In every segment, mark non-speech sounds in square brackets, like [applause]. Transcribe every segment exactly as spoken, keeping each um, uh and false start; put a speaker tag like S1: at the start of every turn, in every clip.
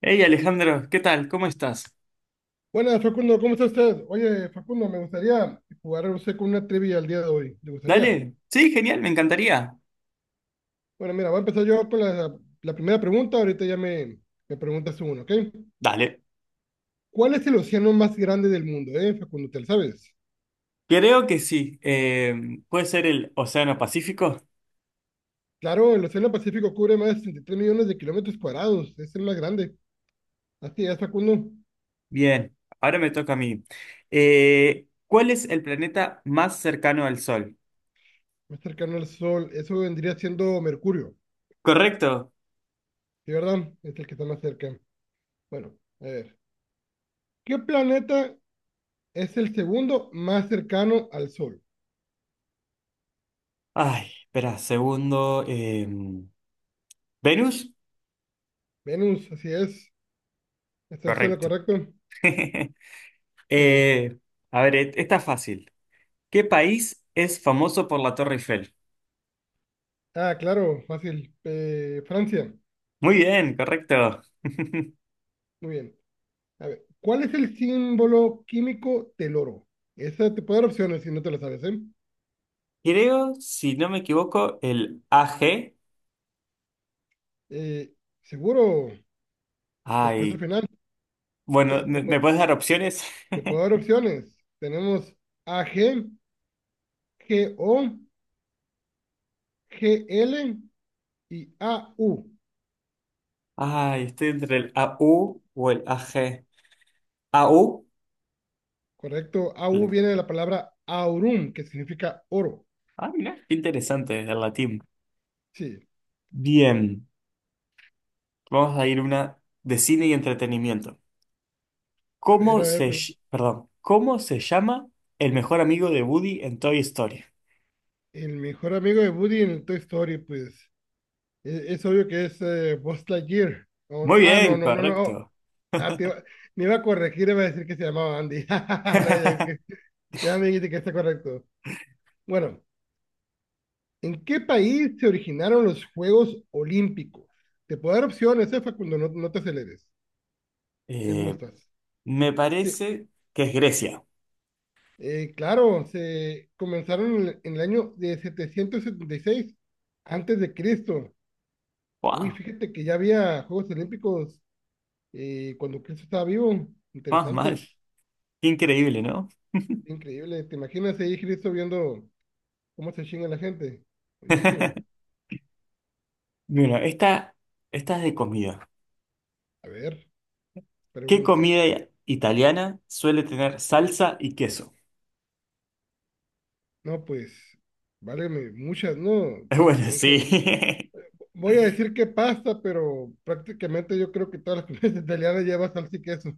S1: Hey Alejandro, ¿qué tal? ¿Cómo estás?
S2: Buenas, Facundo, ¿cómo está usted? Oye, Facundo, me gustaría jugar usted con una trivia el día de hoy. ¿Le gustaría?
S1: Dale, sí, genial, me encantaría.
S2: Bueno, mira, voy a empezar yo con la, la primera pregunta. Ahorita ya me, me preguntas tú uno, ¿ok?
S1: Dale,
S2: ¿Cuál es el océano más grande del mundo, eh, Facundo? ¿Te lo sabes?
S1: creo que sí. Eh, ¿puede ser el Océano Pacífico?
S2: Claro, el océano Pacífico cubre más de sesenta y tres millones de kilómetros cuadrados. Es el más grande. Así es, Facundo.
S1: Bien, ahora me toca a mí. Eh, ¿cuál es el planeta más cercano al Sol?
S2: Más cercano al Sol. Eso vendría siendo Mercurio.
S1: Correcto.
S2: ¿Sí, verdad? Es el que está más cerca. Bueno, a ver. ¿Qué planeta es el segundo más cercano al Sol?
S1: Ay, espera, segundo. eh, ¿Venus?
S2: Venus, así es. ¿Estás en lo
S1: Correcto.
S2: correcto?
S1: [laughs]
S2: Sí.
S1: Eh, a ver, e- esta es fácil. ¿Qué país es famoso por la Torre Eiffel?
S2: Ah, claro, fácil. Eh, Francia.
S1: Muy bien, correcto. [laughs]
S2: Muy bien. A ver, ¿cuál es el símbolo químico del oro? Esa te puedo dar opciones si no te la sabes, ¿eh?
S1: Creo, si no me equivoco, el A G.
S2: Eh, Seguro, respuesta
S1: Ay,
S2: final. Te,
S1: bueno,
S2: te
S1: ¿me,
S2: pu-
S1: me puedes dar opciones?
S2: te puedo dar opciones. Tenemos A G G O G L y A U.
S1: [laughs] Ay, estoy entre el A U o el A AG. A U.
S2: Correcto, A U
S1: la-
S2: viene de la palabra aurum, que significa oro.
S1: Ah, mira, qué interesante, el latín.
S2: Sí.
S1: Bien, vamos a ir una de cine y entretenimiento.
S2: A ver,
S1: ¿Cómo
S2: a ver,
S1: se, ll- perdón, ¿cómo se llama el mejor amigo de Woody en Toy Story?
S2: el mejor amigo de Woody en el Toy Story, pues e- es, obvio que es eh, Buzz Lightyear. O-
S1: Muy
S2: ah, no,
S1: bien,
S2: no, no, no.
S1: correcto.
S2: Ah, te iba- me iba a corregir, iba a decir que se llamaba Andy. [laughs] No, ya, que-
S1: [laughs]
S2: ya me dijiste que está correcto. Bueno, ¿en qué país se originaron los Juegos Olímpicos? Te puedo dar opciones, eh, Facundo, no, no te aceleres, si
S1: Eh,
S2: gustas.
S1: me
S2: Sí,
S1: parece que es Grecia.
S2: eh, claro, se comenzaron en el, en el año de setecientos setenta y seis antes de Cristo. Uy,
S1: Wow,
S2: fíjate que ya había Juegos Olímpicos y cuando Cristo estaba vivo.
S1: más mal.
S2: Interesante,
S1: Qué increíble, ¿no?
S2: increíble. ¿Te imaginas ahí Cristo viendo cómo se chinga la gente? Buenísimo.
S1: [laughs] Mira, esta, esta es de comida.
S2: A ver,
S1: ¿Qué
S2: pregúntame.
S1: comida italiana suele tener salsa y queso?
S2: No, pues, válgame, muchas, no.
S1: [laughs] Es bueno,
S2: En ge-
S1: sí. [laughs]
S2: Voy a decir que pasta, pero prácticamente yo creo que todas las [laughs] comidas italianas llevan salsa y queso.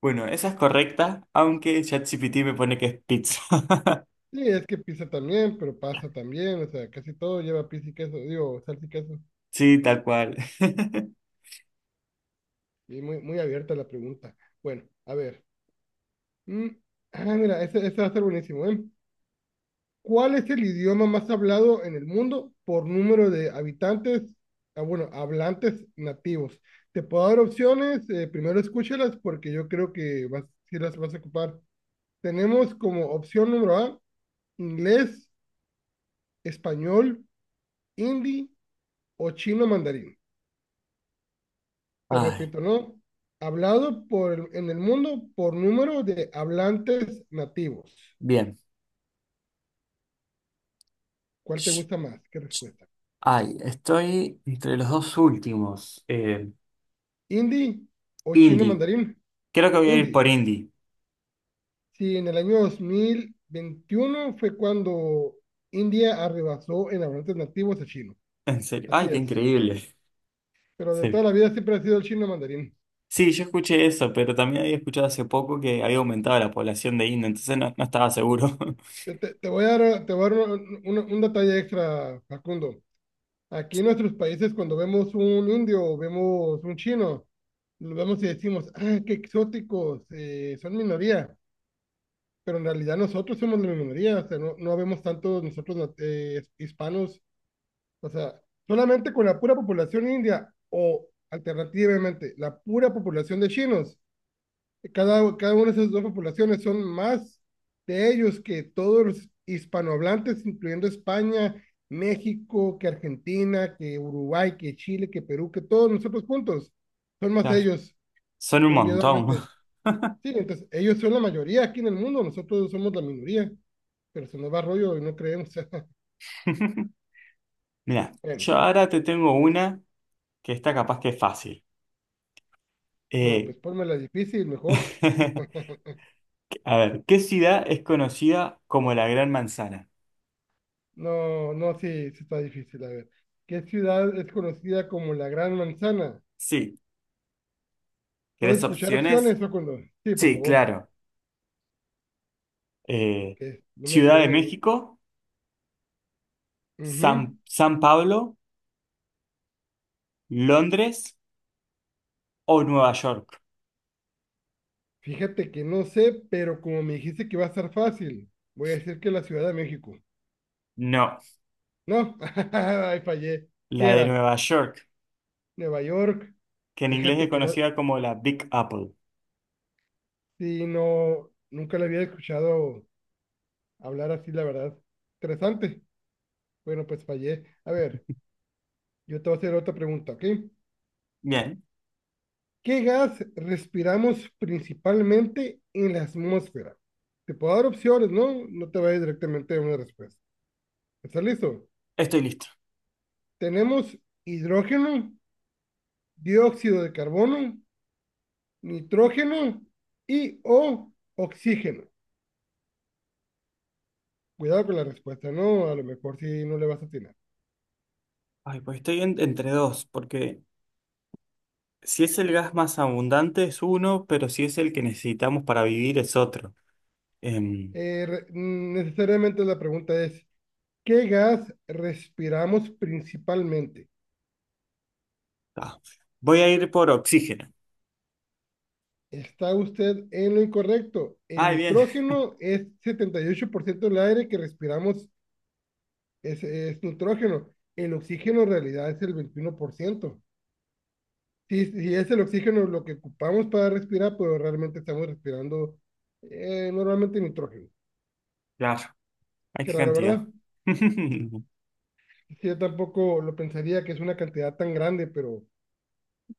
S1: Bueno, esa es correcta, aunque ChatGPT me pone que es pizza. [laughs]
S2: Sí, es que pizza también, pero pasta también, o sea, casi todo lleva pizza y queso, digo, salsa y queso.
S1: Sí, tal cual. [laughs]
S2: Y muy, muy abierta la pregunta. Bueno, a ver. Mm, Ah, mira, esta va a ser buenísimo, ¿eh? ¿Cuál es el idioma más hablado en el mundo por número de habitantes, ah, bueno, hablantes nativos? Te puedo dar opciones, eh, primero escúchalas porque yo creo que vas, sí las vas a ocupar. Tenemos como opción número A, inglés, español, hindi o chino mandarín. Te
S1: Ay,
S2: repito, ¿no? Hablado por, el- en el mundo por número de hablantes nativos.
S1: bien.
S2: ¿Cuál te
S1: Sh-
S2: gusta más? ¿Qué respuesta?
S1: Ay, estoy entre los dos últimos. Eh,
S2: ¿Hindi o chino
S1: indie.
S2: mandarín?
S1: Creo que voy a ir
S2: Hindi.
S1: por indie.
S2: Sí, en el año dos mil veintiuno fue cuando India arrebasó en hablantes nativos a chino.
S1: En serio.
S2: Así
S1: Ay, qué
S2: es.
S1: increíble.
S2: Pero de toda
S1: Sí.
S2: la vida siempre ha sido el chino mandarín.
S1: Sí, yo escuché eso, pero también había escuchado hace poco que había aumentado la población de India, entonces no, no estaba seguro. [laughs]
S2: Te, te- te voy a dar, te voy a dar un, un- un detalle extra, Facundo. Aquí en nuestros países, cuando vemos un indio o vemos un chino, lo vemos y decimos, ah, qué exóticos, eh, son minoría. Pero en realidad nosotros somos la minoría, o sea, no, no vemos tantos nosotros nat- eh, hispanos. O sea, solamente con la pura población india o alternativamente la pura población de chinos, cada, cada una de esas dos poblaciones son más de ellos que todos los hispanohablantes, incluyendo España, México, que Argentina, que Uruguay, que Chile, que Perú, que todos nosotros juntos, son más
S1: Claro,
S2: ellos
S1: son un montón.
S2: individualmente. Sí, entonces ellos son la mayoría aquí en el mundo, nosotros somos la minoría, pero se nos va rollo y no creemos. [laughs]
S1: [laughs] Mira,
S2: Bueno,
S1: yo ahora te tengo una que está capaz que es fácil.
S2: no,
S1: Eh,
S2: pues ponme la difícil, mejor.
S1: [laughs]
S2: [laughs]
S1: a ver, ¿qué ciudad es conocida como la Gran Manzana?
S2: No, no, sí, sí está difícil. A ver, ¿qué ciudad es conocida como la Gran Manzana?
S1: Sí,
S2: ¿Puedo
S1: ¿querés
S2: escuchar
S1: opciones?
S2: opciones o cuando? Sí, por
S1: Sí,
S2: favor,
S1: claro. Eh,
S2: porque no me
S1: Ciudad de
S2: suena a mí.
S1: México, San,
S2: Ujú.
S1: San Pablo, Londres o Nueva York.
S2: Fíjate que no sé, pero como me dijiste que va a estar fácil, voy a decir que la Ciudad de México.
S1: No,
S2: No, [laughs] ay, fallé. ¿Qué
S1: la de
S2: era?
S1: Nueva York,
S2: Nueva York.
S1: que en inglés es
S2: Fíjate que no,
S1: conocida como la Big Apple.
S2: sí, no, nunca le había escuchado hablar así, la verdad. Interesante. Bueno, pues fallé. A ver, yo te voy a hacer otra pregunta, ¿ok?
S1: Bien,
S2: ¿Qué gas respiramos principalmente en la atmósfera? Te puedo dar opciones, ¿no? No te vayas directamente a una respuesta. ¿Está listo?
S1: estoy listo.
S2: Tenemos hidrógeno, dióxido de carbono, nitrógeno y o oxígeno. Cuidado con la respuesta, ¿no? A lo mejor si no le vas a atinar.
S1: Ay, pues estoy en- entre dos, porque si es el gas más abundante es uno, pero si es el que necesitamos para vivir es otro. Em,
S2: Eh, Necesariamente la pregunta es, ¿qué gas respiramos principalmente?
S1: ah, voy a ir por oxígeno.
S2: Está usted en lo incorrecto. El
S1: Ay, bien,
S2: nitrógeno es setenta y ocho por ciento del aire que respiramos. Es, es nitrógeno. El oxígeno en realidad es el veintiuno por ciento. Si, si es el oxígeno lo que ocupamos para respirar, pues realmente estamos respirando eh, normalmente nitrógeno.
S1: claro, hay
S2: Qué
S1: qué
S2: raro,
S1: cantidad.
S2: ¿verdad?
S1: [laughs]
S2: Sí, yo tampoco lo pensaría que es una cantidad tan grande, pero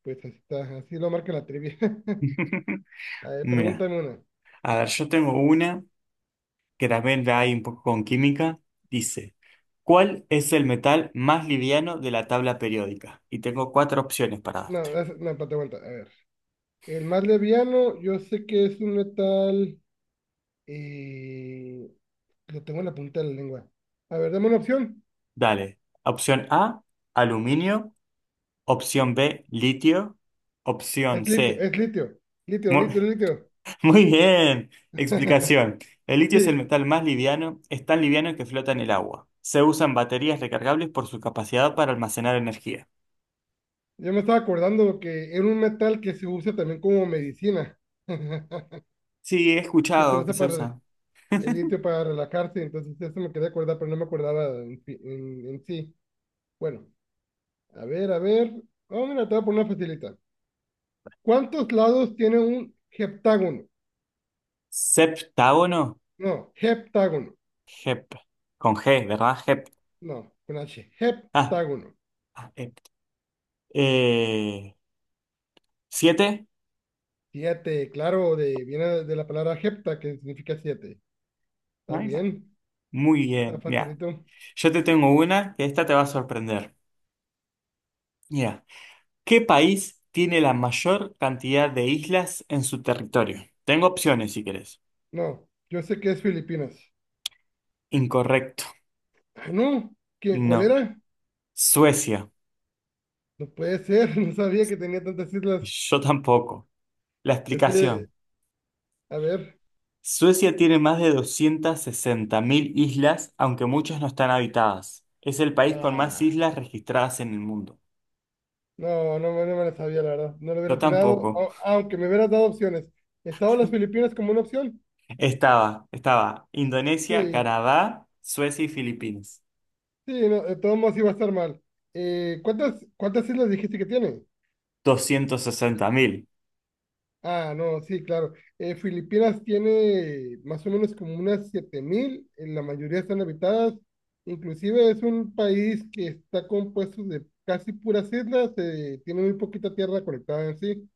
S2: pues así está, así lo marca la trivia. [laughs] A ver,
S1: Mira,
S2: pregúntame una.
S1: a ver, yo tengo una que también la hay un poco con química. Dice, ¿cuál es el metal más liviano de la tabla periódica? Y tengo cuatro opciones para
S2: No,
S1: darte.
S2: es- no, espérate, aguanta. A ver. El más liviano, yo sé que es un metal. Y lo tengo en la punta de la lengua. A ver, dame una opción.
S1: Dale. Opción A, aluminio. Opción B, litio. Opción
S2: Es litio,
S1: C.
S2: es litio, litio,
S1: Mu- [laughs]
S2: litio, litio.
S1: Muy bien.
S2: [laughs]
S1: Explicación. El litio es el
S2: Sí,
S1: metal más liviano, es tan liviano que flota en el agua. Se usa en baterías recargables por su capacidad para almacenar energía.
S2: yo me estaba acordando que era un metal que se usa también como medicina. [laughs]
S1: Sí, he
S2: Se
S1: escuchado que
S2: usa
S1: se
S2: para el,
S1: usa.
S2: el litio para relajarse, entonces eso me quería acordar, pero no me acordaba en, fi- en- en sí. Bueno, a ver, a ver. Vamos mira, te voy a poner una facilita. ¿Cuántos lados tiene un heptágono?
S1: Septágono.
S2: No, heptágono.
S1: Hep. Con G, ¿verdad? Hep.
S2: No, con H.
S1: Ah,
S2: Heptágono.
S1: ah, hep. Eh, ¿siete?
S2: Siete, claro, de, viene de la palabra hepta, que significa siete. ¿Estás
S1: Ay,
S2: bien?
S1: muy
S2: Está
S1: bien. Ya.
S2: facilito.
S1: Yo te tengo una que esta te va a sorprender. Ya. ¿Qué país tiene la mayor cantidad de islas en su territorio? Tengo opciones si querés.
S2: No, yo sé que es Filipinas.
S1: Incorrecto.
S2: Ah, no, ¿qué, cuál
S1: No.
S2: era?
S1: Suecia.
S2: No puede ser, [laughs] no sabía que tenía tantas islas.
S1: Yo tampoco. La
S2: Es que,
S1: explicación.
S2: a ver,
S1: Suecia tiene más de doscientas sesenta mil islas, aunque muchas no están habitadas. Es el país con más
S2: ah,
S1: islas registradas en el mundo.
S2: no, no, me no me la sabía, la verdad. No lo hubiera
S1: Yo
S2: atinado,
S1: tampoco.
S2: au- aunque me hubieras dado opciones. ¿Estaba las Filipinas como una opción?
S1: Estaba, estaba Indonesia,
S2: Sí,
S1: Canadá, Suecia y Filipinas.
S2: sí, no, de todos modos iba a estar mal. Eh, ¿cuántas, cuántas islas dijiste que tiene?
S1: Doscientas sesenta mil.
S2: Ah, no, sí, claro. Eh, Filipinas tiene más o menos como unas siete mil. eh, la mayoría están habitadas. Inclusive es un país que está compuesto de casi puras islas, eh, tiene muy poquita tierra conectada en sí.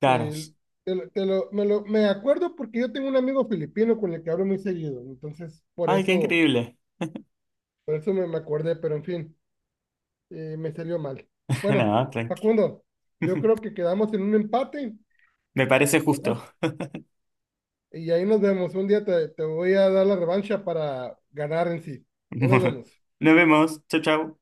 S1: Claro.
S2: El- te lo- te lo- me, lo- me acuerdo porque yo tengo un amigo filipino con el que hablo muy seguido, entonces por
S1: Ay, qué
S2: eso,
S1: increíble.
S2: por eso me, me acordé, pero en fin, eh, me salió mal.
S1: [laughs]
S2: Bueno,
S1: No, tranquilo.
S2: Facundo, yo creo que quedamos en un empate,
S1: Me parece
S2: ¿verdad?
S1: justo.
S2: Y ahí nos vemos. Un día te, te voy a dar la revancha para ganar en sí. Ahí nos
S1: [laughs]
S2: vemos.
S1: Nos vemos. Chau, chau.